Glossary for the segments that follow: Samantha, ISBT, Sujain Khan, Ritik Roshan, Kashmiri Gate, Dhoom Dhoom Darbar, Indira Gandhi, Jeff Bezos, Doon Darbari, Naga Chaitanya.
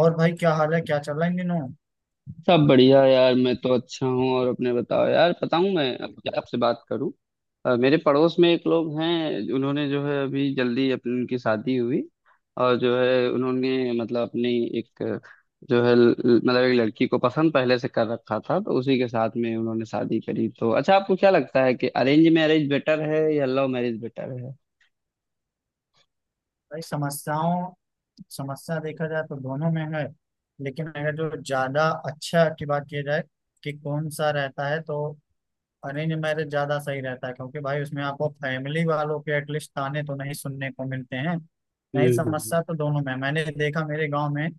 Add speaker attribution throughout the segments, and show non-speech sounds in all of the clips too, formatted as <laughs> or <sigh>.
Speaker 1: और भाई क्या हाल है क्या चल रहा है इन दिनों।
Speaker 2: सब बढ़िया यार। मैं तो अच्छा हूँ। और अपने बताओ यार। बताऊँ मैं अब क्या आपसे बात करूँ। मेरे पड़ोस में एक लोग हैं। उन्होंने जो है अभी जल्दी अपनी उनकी शादी हुई। और जो है उन्होंने मतलब अपनी एक जो है मतलब एक लड़की को पसंद पहले से कर रखा था। तो उसी के साथ में उन्होंने शादी करी। तो अच्छा, आपको क्या लगता है कि अरेंज मैरिज बेटर है या लव मैरिज बेटर है।
Speaker 1: भाई समस्या देखा जाए तो दोनों में है। लेकिन अगर जो ज्यादा अच्छा की बात की जाए कि कौन सा रहता है तो अरेंज मैरिज ज्यादा सही रहता है क्योंकि भाई उसमें आपको फैमिली वालों के एटलीस्ट ताने तो नहीं सुनने को मिलते हैं। नहीं
Speaker 2: हम्म, हम्म।
Speaker 1: समस्या तो दोनों में है। मैंने देखा मेरे गांव में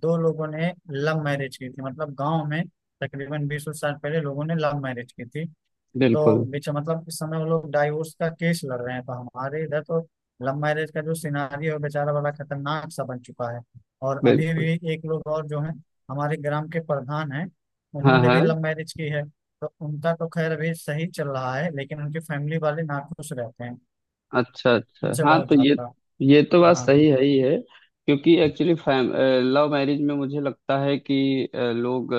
Speaker 1: दो लोगों ने लव मैरिज की थी मतलब गांव में तकरीबन 20 साल पहले लोगों ने लव मैरिज की थी। तो
Speaker 2: बिल्कुल।
Speaker 1: बीच मतलब इस समय वो लोग डाइवोर्स का केस लड़ रहे हैं तो हमारे इधर तो लव मैरिज का जो सिनारियो है बेचारा बड़ा खतरनाक सा बन चुका है। और अभी
Speaker 2: बिल्कुल।
Speaker 1: भी एक लोग और जो है हमारे ग्राम के प्रधान हैं
Speaker 2: हाँ,
Speaker 1: उन्होंने भी
Speaker 2: हाँ।
Speaker 1: लव मैरिज की है। तो उनका तो खैर अभी सही चल रहा है लेकिन उनकी फैमिली वाले नाखुश रहते हैं
Speaker 2: अच्छा, अच्छा,
Speaker 1: उनसे
Speaker 2: हाँ।
Speaker 1: बहुत
Speaker 2: तो ये
Speaker 1: ज्यादा।
Speaker 2: ये तो बात
Speaker 1: हाँ।
Speaker 2: सही है ही है। क्योंकि एक्चुअली फैम लव मैरिज में मुझे लगता है कि लोग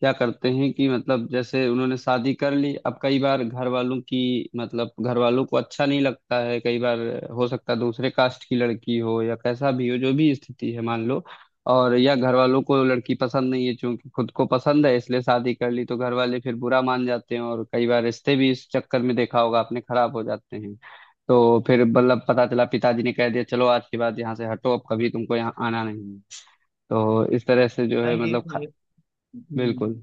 Speaker 2: क्या करते हैं कि मतलब जैसे उन्होंने शादी कर ली। अब कई बार घर वालों की मतलब घर वालों को अच्छा नहीं लगता है कई बार। हो सकता है दूसरे कास्ट की लड़की हो या कैसा भी हो जो भी स्थिति है मान लो। और या घर वालों को लड़की पसंद नहीं है, क्योंकि खुद को पसंद है इसलिए शादी कर ली। तो घर वाले फिर बुरा मान जाते हैं, और कई बार रिश्ते भी इस चक्कर में देखा होगा आपने खराब हो जाते हैं। तो फिर मतलब पता चला पिताजी ने कह दिया चलो आज के बाद यहाँ से हटो, अब कभी तुमको यहाँ आना नहीं है। तो इस तरह से जो है
Speaker 1: नहीं, ये
Speaker 2: मतलब
Speaker 1: ये हम्म,
Speaker 2: बिल्कुल।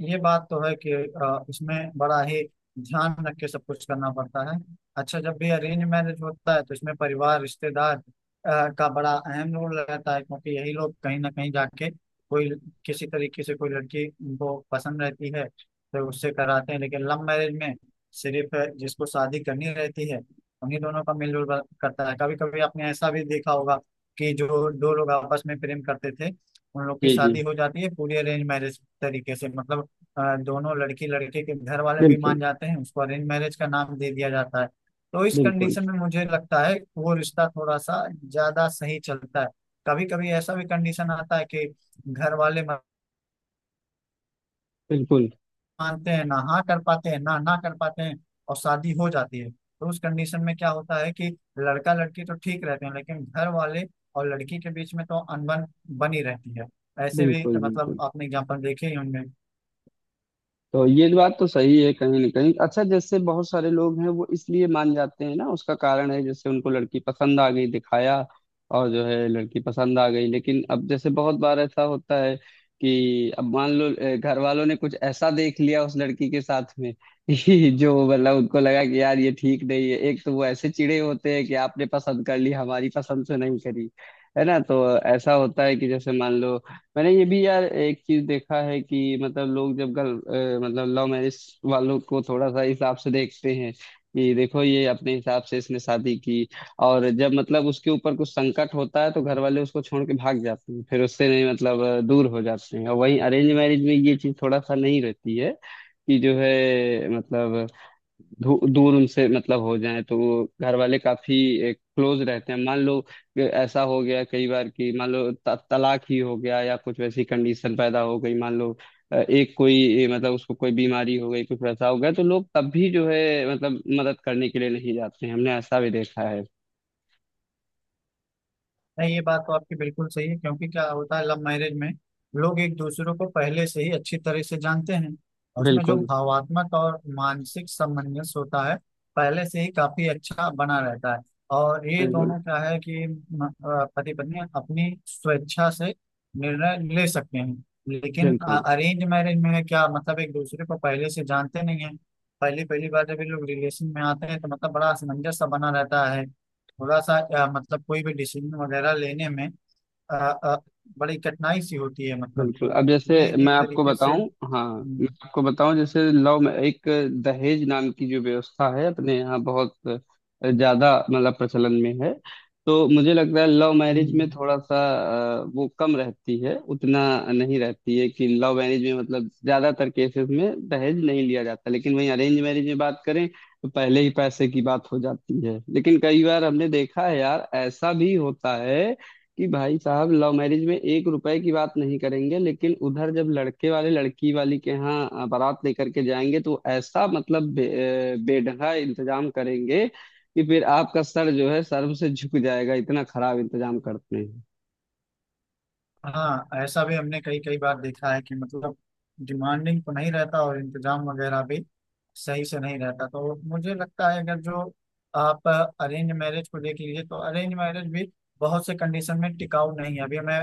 Speaker 1: ये बात तो है कि इसमें बड़ा ही ध्यान रख के सब कुछ करना पड़ता है। अच्छा जब भी अरेंज मैरिज होता है तो इसमें परिवार रिश्तेदार का बड़ा अहम रोल रहता है क्योंकि यही लोग कहीं ना कहीं जाके कोई किसी तरीके से कोई लड़की को पसंद रहती है तो उससे कराते हैं लेकिन लव मैरिज में सिर्फ जिसको शादी करनी रहती है उन्हीं दोनों का मेलजोल करता है। कभी कभी आपने ऐसा भी देखा होगा कि जो दो लोग आपस में प्रेम करते थे उन लोग की
Speaker 2: जी,
Speaker 1: शादी
Speaker 2: जी।
Speaker 1: हो जाती है पूरी अरेंज मैरिज तरीके से मतलब दोनों लड़की लड़के के घर वाले भी मान
Speaker 2: बिल्कुल।
Speaker 1: जाते हैं उसको अरेंज मैरिज का नाम दे दिया जाता है। तो इस
Speaker 2: बिल्कुल।
Speaker 1: कंडीशन में मुझे लगता है कि वो रिश्ता थोड़ा सा ज्यादा सही चलता है। कभी कभी ऐसा भी कंडीशन आता है कि घर वाले
Speaker 2: बिल्कुल।
Speaker 1: मानते हैं ना हाँ कर पाते हैं ना ना कर पाते हैं और शादी हो जाती है तो उस कंडीशन में क्या होता है कि लड़का लड़की तो ठीक रहते हैं लेकिन घर वाले और लड़की के बीच में तो अनबन बनी रहती है। ऐसे भी
Speaker 2: बिल्कुल।
Speaker 1: मतलब
Speaker 2: बिल्कुल।
Speaker 1: आपने एग्जाम्पल देखे ही होंगे।
Speaker 2: तो ये बात तो सही है कहीं ना कहीं। अच्छा, जैसे बहुत सारे लोग हैं वो इसलिए मान जाते हैं ना, उसका कारण है जैसे उनको लड़की पसंद आ गई दिखाया। और जो है लड़की पसंद आ गई, लेकिन अब जैसे बहुत बार ऐसा होता है कि अब मान लो घर वालों ने कुछ ऐसा देख लिया उस लड़की के साथ में <laughs> कि जो मतलब उनको लगा कि यार ये ठीक नहीं है। एक तो वो ऐसे चिड़े होते हैं कि आपने पसंद कर ली, हमारी पसंद से नहीं करी, है ना। तो ऐसा होता है कि जैसे मान लो मैंने ये भी यार एक चीज देखा है कि मतलब लोग जब मतलब लव मैरिज वालों को थोड़ा सा हिसाब से देखते हैं कि देखो ये अपने हिसाब से इसने शादी की। और जब मतलब उसके ऊपर कुछ संकट होता है तो घर वाले उसको छोड़ के भाग जाते हैं, फिर उससे नहीं मतलब दूर हो जाते हैं। और वहीं अरेंज मैरिज में ये चीज थोड़ा सा नहीं रहती है कि जो है मतलब दूर उनसे मतलब हो जाए तो वो घर वाले काफी क्लोज रहते हैं। मान लो कि ऐसा हो गया कई बार कि मान लो तलाक ही हो गया या कुछ वैसी कंडीशन पैदा हो गई। मान लो एक कोई मतलब उसको कोई बीमारी हो गई कुछ वैसा हो गया तो लोग तब भी जो है मतलब मदद करने के लिए नहीं जाते हैं, हमने ऐसा भी देखा है।
Speaker 1: नहीं ये बात तो आपकी बिल्कुल सही है क्योंकि क्या होता है लव मैरिज में लोग एक दूसरे को पहले से ही अच्छी तरह से जानते हैं और उसमें जो
Speaker 2: बिल्कुल,
Speaker 1: भावात्मक और मानसिक सामंजस्य होता है पहले से ही काफी अच्छा बना रहता है और ये
Speaker 2: बिल्कुल।
Speaker 1: दोनों क्या है कि पति पत्नी अपनी स्वेच्छा से निर्णय ले सकते हैं। लेकिन
Speaker 2: बिल्कुल,
Speaker 1: अरेंज मैरिज में है क्या मतलब एक दूसरे को पहले से जानते नहीं है। पहली पहली बार जब ये लोग रिलेशन में आते हैं तो मतलब बड़ा असमंजस सा बना रहता है थोड़ा सा मतलब कोई भी डिसीजन वगैरह लेने में अ, अ, बड़ी कठिनाई सी होती है मतलब
Speaker 2: बिल्कुल। अब
Speaker 1: तो
Speaker 2: जैसे
Speaker 1: ये
Speaker 2: मैं
Speaker 1: एक
Speaker 2: आपको
Speaker 1: तरीके से
Speaker 2: बताऊं, हाँ, मैं
Speaker 1: हम्म,
Speaker 2: आपको बताऊं जैसे लव में एक दहेज नाम की जो व्यवस्था है अपने यहाँ बहुत ज्यादा मतलब प्रचलन में है। तो मुझे लगता है लव मैरिज में
Speaker 1: हम्म।
Speaker 2: थोड़ा सा वो कम रहती है, उतना नहीं रहती है कि लव मैरिज में मतलब ज्यादातर केसेस में दहेज नहीं लिया जाता। लेकिन वहीं अरेंज मैरिज में बात करें तो पहले ही पैसे की बात हो जाती है। लेकिन कई बार हमने देखा है यार ऐसा भी होता है कि भाई साहब लव मैरिज में 1 रुपए की बात नहीं करेंगे, लेकिन उधर जब लड़के वाले लड़की वाली के यहाँ बारात लेकर के जाएंगे तो ऐसा मतलब बेढंगा इंतजाम करेंगे कि फिर आपका सर जो है शर्म से झुक जाएगा, इतना खराब इंतजाम करते हैं।
Speaker 1: हाँ, ऐसा भी हमने कई कई बार देखा है कि मतलब डिमांडिंग तो नहीं रहता और इंतजाम वगैरह भी सही से नहीं रहता तो मुझे लगता है अगर जो आप अरेंज मैरिज को देख लीजिए तो अरेंज मैरिज भी बहुत से कंडीशन में टिकाऊ नहीं है। अभी मैं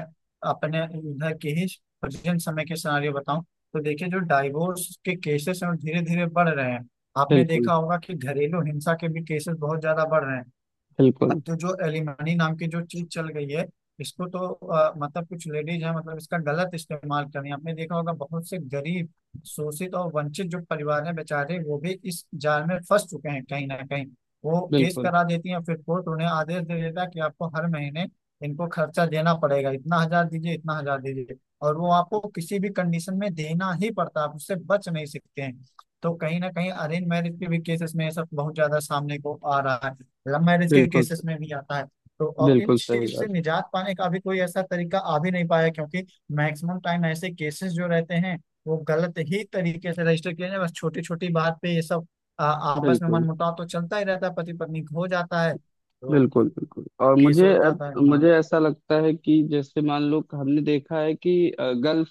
Speaker 1: अपने इधर के ही प्रेजेंट समय के सिनारियो बताऊं तो देखिए जो डाइवोर्स के केसेस हैं धीरे धीरे बढ़ रहे हैं। आपने
Speaker 2: बिल्कुल।
Speaker 1: देखा होगा कि घरेलू हिंसा के भी केसेस बहुत ज्यादा बढ़ रहे हैं।
Speaker 2: बिल्कुल।
Speaker 1: अब तो जो एलिमनी नाम की जो चीज चल गई है इसको तो मतलब कुछ लेडीज हैं मतलब इसका गलत इस्तेमाल कर रही हैं। आपने देखा होगा बहुत से गरीब शोषित और वंचित जो परिवार हैं बेचारे वो भी इस जाल में फंस चुके हैं कहीं ना कहीं। वो केस
Speaker 2: बिल्कुल।
Speaker 1: करा देती हैं फिर कोर्ट उन्हें आदेश दे देता है कि आपको हर महीने इनको खर्चा देना पड़ेगा इतना हजार दीजिए इतना हजार दीजिए। और वो आपको किसी भी कंडीशन में देना ही पड़ता है आप उससे बच नहीं सकते हैं। तो कहीं ना कहीं अरेंज मैरिज के भी केसेस में ये सब बहुत ज्यादा सामने को आ रहा है लव मैरिज के
Speaker 2: बिल्कुल।
Speaker 1: केसेस में भी आता है। तो और इन
Speaker 2: बिल्कुल सही
Speaker 1: चीज से
Speaker 2: बात।
Speaker 1: निजात पाने का भी कोई ऐसा तरीका आ भी नहीं पाया क्योंकि मैक्सिमम टाइम ऐसे केसेस जो रहते हैं वो गलत ही तरीके से रजिस्टर किए जाते हैं। बस छोटी छोटी बात पे ये सब आपस में
Speaker 2: बिल्कुल,
Speaker 1: मनमुटाव तो चलता ही रहता है पति पत्नी हो जाता है तो
Speaker 2: बिल्कुल। बिल्कुल। और
Speaker 1: केस
Speaker 2: मुझे
Speaker 1: हो
Speaker 2: अब
Speaker 1: जाता है। हाँ।
Speaker 2: मुझे ऐसा लगता है कि जैसे मान लो हमने देखा है कि गल्फ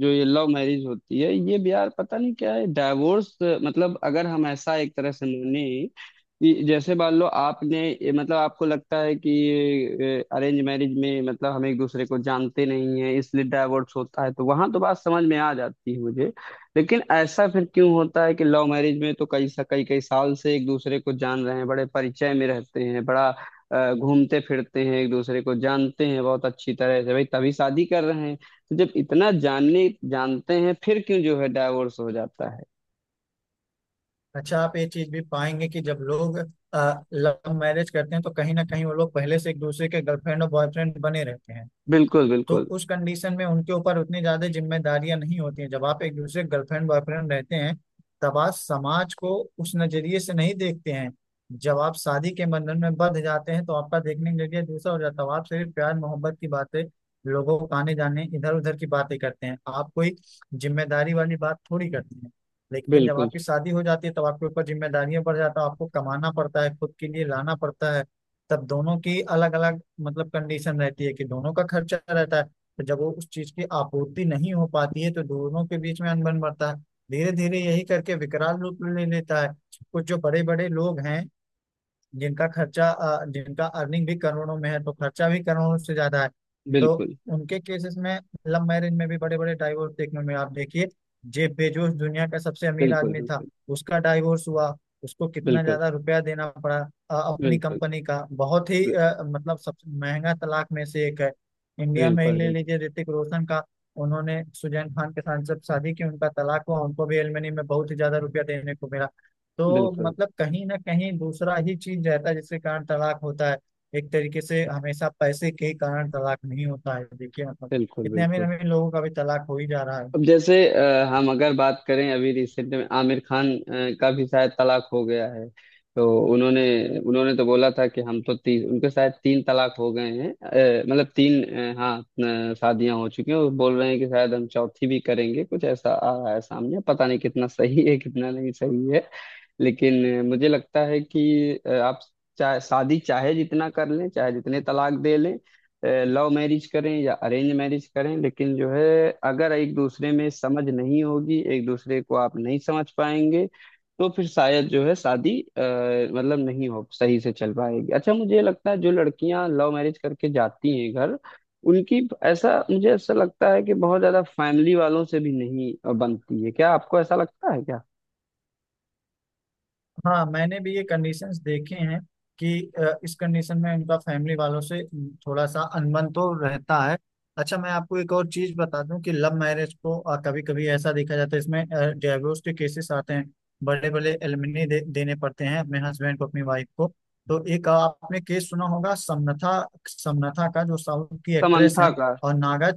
Speaker 2: जो ये लव मैरिज होती है ये बिहार पता नहीं क्या है डाइवोर्स मतलब अगर हम ऐसा एक तरह से माने कि जैसे मान लो आपने मतलब आपको लगता है कि अरेंज मैरिज में मतलब हम एक दूसरे को जानते नहीं है इसलिए डाइवोर्स होता है तो वहां तो बात समझ में आ जाती है मुझे। लेकिन ऐसा फिर क्यों होता है कि लव मैरिज में तो कई कई साल से एक दूसरे को जान रहे हैं, बड़े परिचय में रहते हैं, बड़ा घूमते फिरते हैं, एक दूसरे को जानते हैं बहुत अच्छी तरह से, भाई तभी शादी कर रहे हैं। तो जब इतना जानने जानते हैं फिर क्यों जो है डाइवोर्स हो जाता है।
Speaker 1: अच्छा आप ये चीज भी पाएंगे कि जब लोग लव मैरिज करते हैं तो कहीं ना कहीं वो लोग पहले से एक दूसरे के गर्लफ्रेंड और बॉयफ्रेंड बने रहते हैं।
Speaker 2: बिल्कुल,
Speaker 1: तो
Speaker 2: बिल्कुल।
Speaker 1: उस कंडीशन में उनके ऊपर उतनी ज्यादा जिम्मेदारियां नहीं होती हैं जब आप एक दूसरे गर्लफ्रेंड बॉयफ्रेंड रहते हैं तब आप समाज को उस नजरिए से नहीं देखते हैं। जब आप शादी के बंधन में बंध जाते हैं तो आपका देखने का नजरिया दूसरा हो जाता है आप सिर्फ प्यार मोहब्बत की बातें लोगों को आने जाने इधर उधर की बातें करते हैं आप कोई जिम्मेदारी वाली बात थोड़ी करते हैं। लेकिन जब
Speaker 2: बिल्कुल,
Speaker 1: आपकी शादी हो जाती है तब आपके ऊपर जिम्मेदारियां बढ़ जाता है आपको कमाना पड़ता है खुद के लिए लाना पड़ता है। तब दोनों की अलग अलग मतलब कंडीशन रहती है कि दोनों का खर्चा रहता है तो जब वो उस चीज की आपूर्ति नहीं हो पाती है तो दोनों के बीच में अनबन बढ़ता है। धीरे धीरे यही करके विकराल रूप ले लेता है। कुछ जो बड़े बड़े लोग हैं जिनका खर्चा जिनका अर्निंग भी करोड़ों में है तो खर्चा भी करोड़ों से ज्यादा है। तो
Speaker 2: बिल्कुल।
Speaker 1: उनके केसेस में लव मैरिज में भी बड़े बड़े डाइवोर्स देखने में आप देखिए। जेफ बेजोस दुनिया का सबसे अमीर
Speaker 2: बिल्कुल,
Speaker 1: आदमी था उसका डाइवोर्स हुआ उसको कितना
Speaker 2: बिल्कुल।
Speaker 1: ज्यादा रुपया देना पड़ा।
Speaker 2: बिल्कुल,
Speaker 1: अपनी
Speaker 2: बिल्कुल।
Speaker 1: कंपनी का बहुत ही
Speaker 2: बिल्कुल,
Speaker 1: मतलब सबसे महंगा तलाक में से एक है। इंडिया में ही
Speaker 2: बिल्कुल।
Speaker 1: ले लीजिए ऋतिक रोशन का। उन्होंने सुजैन खान के साथ जब शादी की उनका तलाक हुआ उनको भी एलमनी में बहुत ही ज्यादा रुपया देने को मिला। तो
Speaker 2: बिल्कुल,
Speaker 1: मतलब कहीं ना कहीं दूसरा ही चीज रहता है जिसके कारण तलाक होता है। एक तरीके से हमेशा पैसे के ही कारण तलाक नहीं होता है देखिए मतलब
Speaker 2: बिल्कुल।
Speaker 1: इतने अमीर
Speaker 2: बिल्कुल।
Speaker 1: अमीर लोगों का भी तलाक हो ही जा रहा है।
Speaker 2: अब जैसे हम अगर बात करें अभी रिसेंट में आमिर खान का भी शायद तलाक हो गया है। तो उन्होंने उन्होंने तो बोला था कि हम तो तीन उनके शायद तीन तलाक हो गए हैं, मतलब तीन हाँ शादियां हो चुकी हैं। वो बोल रहे हैं कि शायद हम चौथी भी करेंगे, कुछ ऐसा आ रहा है सामने, पता नहीं कितना सही है कितना नहीं सही है। लेकिन मुझे लगता है कि आप चाहे शादी चाहे जितना कर लें चाहे जितने तलाक दे लें, लव मैरिज करें या अरेंज मैरिज करें, लेकिन जो है अगर एक दूसरे में समझ नहीं होगी, एक दूसरे को आप नहीं समझ पाएंगे तो फिर शायद जो है शादी मतलब नहीं हो सही से चल पाएगी। अच्छा, मुझे ये लगता है जो लड़कियां लव मैरिज करके जाती हैं घर, उनकी ऐसा मुझे ऐसा लगता है कि बहुत ज्यादा फैमिली वालों से भी नहीं बनती है। क्या आपको ऐसा लगता है क्या।
Speaker 1: हाँ, मैंने भी ये कंडीशंस देखे हैं कि इस कंडीशन में उनका फैमिली वालों से थोड़ा सा अनबन तो रहता है। अच्छा मैं आपको एक और चीज बता दूं कि लव मैरिज को कभी कभी ऐसा देखा जाता है इसमें डिवोर्स के केसेस आते हैं बड़े बड़े एलिमनी देने पड़ते हैं अपने हस्बैंड को अपनी वाइफ को। तो एक आपने केस सुना होगा समनथा समनथा का जो साउथ की एक्ट्रेस
Speaker 2: समंथा
Speaker 1: हैं।
Speaker 2: का।
Speaker 1: और नागा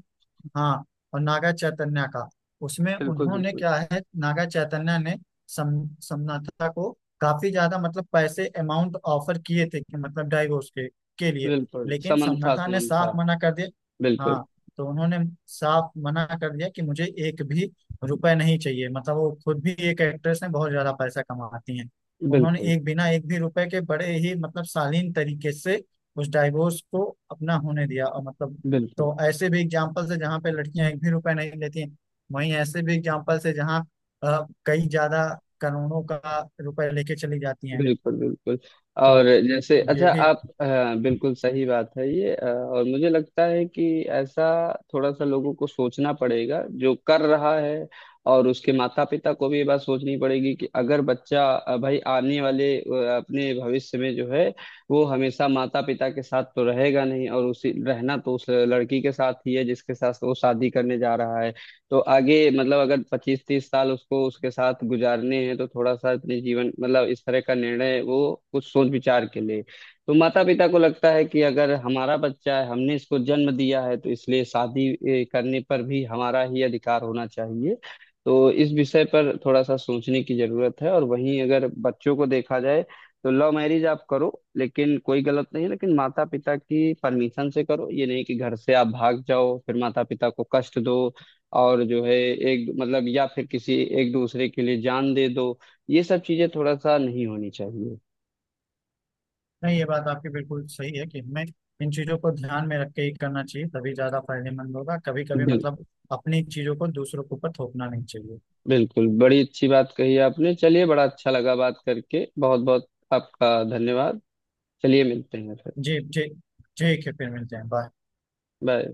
Speaker 1: हाँ। और नागा चैतन्या का। उसमें
Speaker 2: बिल्कुल,
Speaker 1: उन्होंने
Speaker 2: बिल्कुल।
Speaker 1: क्या है नागा चैतन्या ने समनथा को काफी ज्यादा मतलब पैसे अमाउंट ऑफर किए थे कि मतलब डाइवोर्स के लिए।
Speaker 2: बिल्कुल।
Speaker 1: लेकिन
Speaker 2: समंथा
Speaker 1: समनाथा ने
Speaker 2: समंथा।
Speaker 1: साफ मना कर दिया।
Speaker 2: बिल्कुल।
Speaker 1: हाँ। तो उन्होंने साफ मना कर दिया कि मुझे एक भी रुपए नहीं चाहिए मतलब वो खुद भी एक एक्ट्रेस हैं बहुत ज्यादा पैसा कमाती हैं। उन्होंने
Speaker 2: बिल्कुल,
Speaker 1: एक बिना एक भी रुपए के बड़े ही मतलब शालीन तरीके से उस डाइवोर्स को अपना होने दिया और मतलब।
Speaker 2: बिल्कुल।
Speaker 1: तो ऐसे भी एग्जाम्पल्स है जहाँ पे लड़कियां एक भी रुपए नहीं लेती हैं वहीं ऐसे भी एग्जाम्पल्स है जहाँ कई ज्यादा करोड़ों का रुपए लेके चली जाती हैं।
Speaker 2: बिल्कुल, बिल्कुल। और
Speaker 1: तो
Speaker 2: जैसे,
Speaker 1: ये
Speaker 2: अच्छा,
Speaker 1: भी
Speaker 2: आप बिल्कुल सही बात है ये, और मुझे लगता है कि ऐसा थोड़ा सा लोगों को सोचना पड़ेगा जो कर रहा है। और उसके माता पिता को भी ये बात सोचनी पड़ेगी कि अगर बच्चा भाई आने वाले अपने भविष्य में जो है वो हमेशा माता पिता के साथ तो रहेगा नहीं, और उसी रहना तो उस लड़की के साथ ही है जिसके साथ वो शादी करने जा रहा है। तो आगे मतलब अगर 25-30 साल उसको उसके साथ गुजारने हैं तो थोड़ा सा अपने जीवन मतलब इस तरह का निर्णय वो कुछ सोच विचार के ले। तो माता पिता को लगता है कि अगर हमारा बच्चा है, हमने इसको जन्म दिया है तो इसलिए शादी करने पर भी हमारा ही अधिकार होना चाहिए। तो इस विषय पर थोड़ा सा सोचने की जरूरत है। और वहीं अगर बच्चों को देखा जाए तो लव मैरिज आप करो, लेकिन कोई गलत नहीं है, लेकिन माता पिता की परमिशन से करो। ये नहीं कि घर से आप भाग जाओ फिर माता पिता को कष्ट दो। और जो है एक मतलब या फिर किसी एक दूसरे के लिए जान दे दो, ये सब चीजें थोड़ा सा नहीं होनी चाहिए।
Speaker 1: नहीं ये बात आपकी बिल्कुल सही है कि हमें इन चीजों को ध्यान में रख के ही करना चाहिए तभी ज्यादा फायदेमंद होगा कभी कभी
Speaker 2: बिल्कुल।
Speaker 1: मतलब अपनी चीजों को दूसरों के ऊपर थोपना नहीं चाहिए।
Speaker 2: बिल्कुल, बड़ी अच्छी बात कही आपने। चलिए, बड़ा अच्छा लगा बात करके, बहुत बहुत आपका धन्यवाद। चलिए, मिलते हैं फिर।
Speaker 1: जी जी, ठीक है, फिर मिलते हैं, बाय।
Speaker 2: बाय।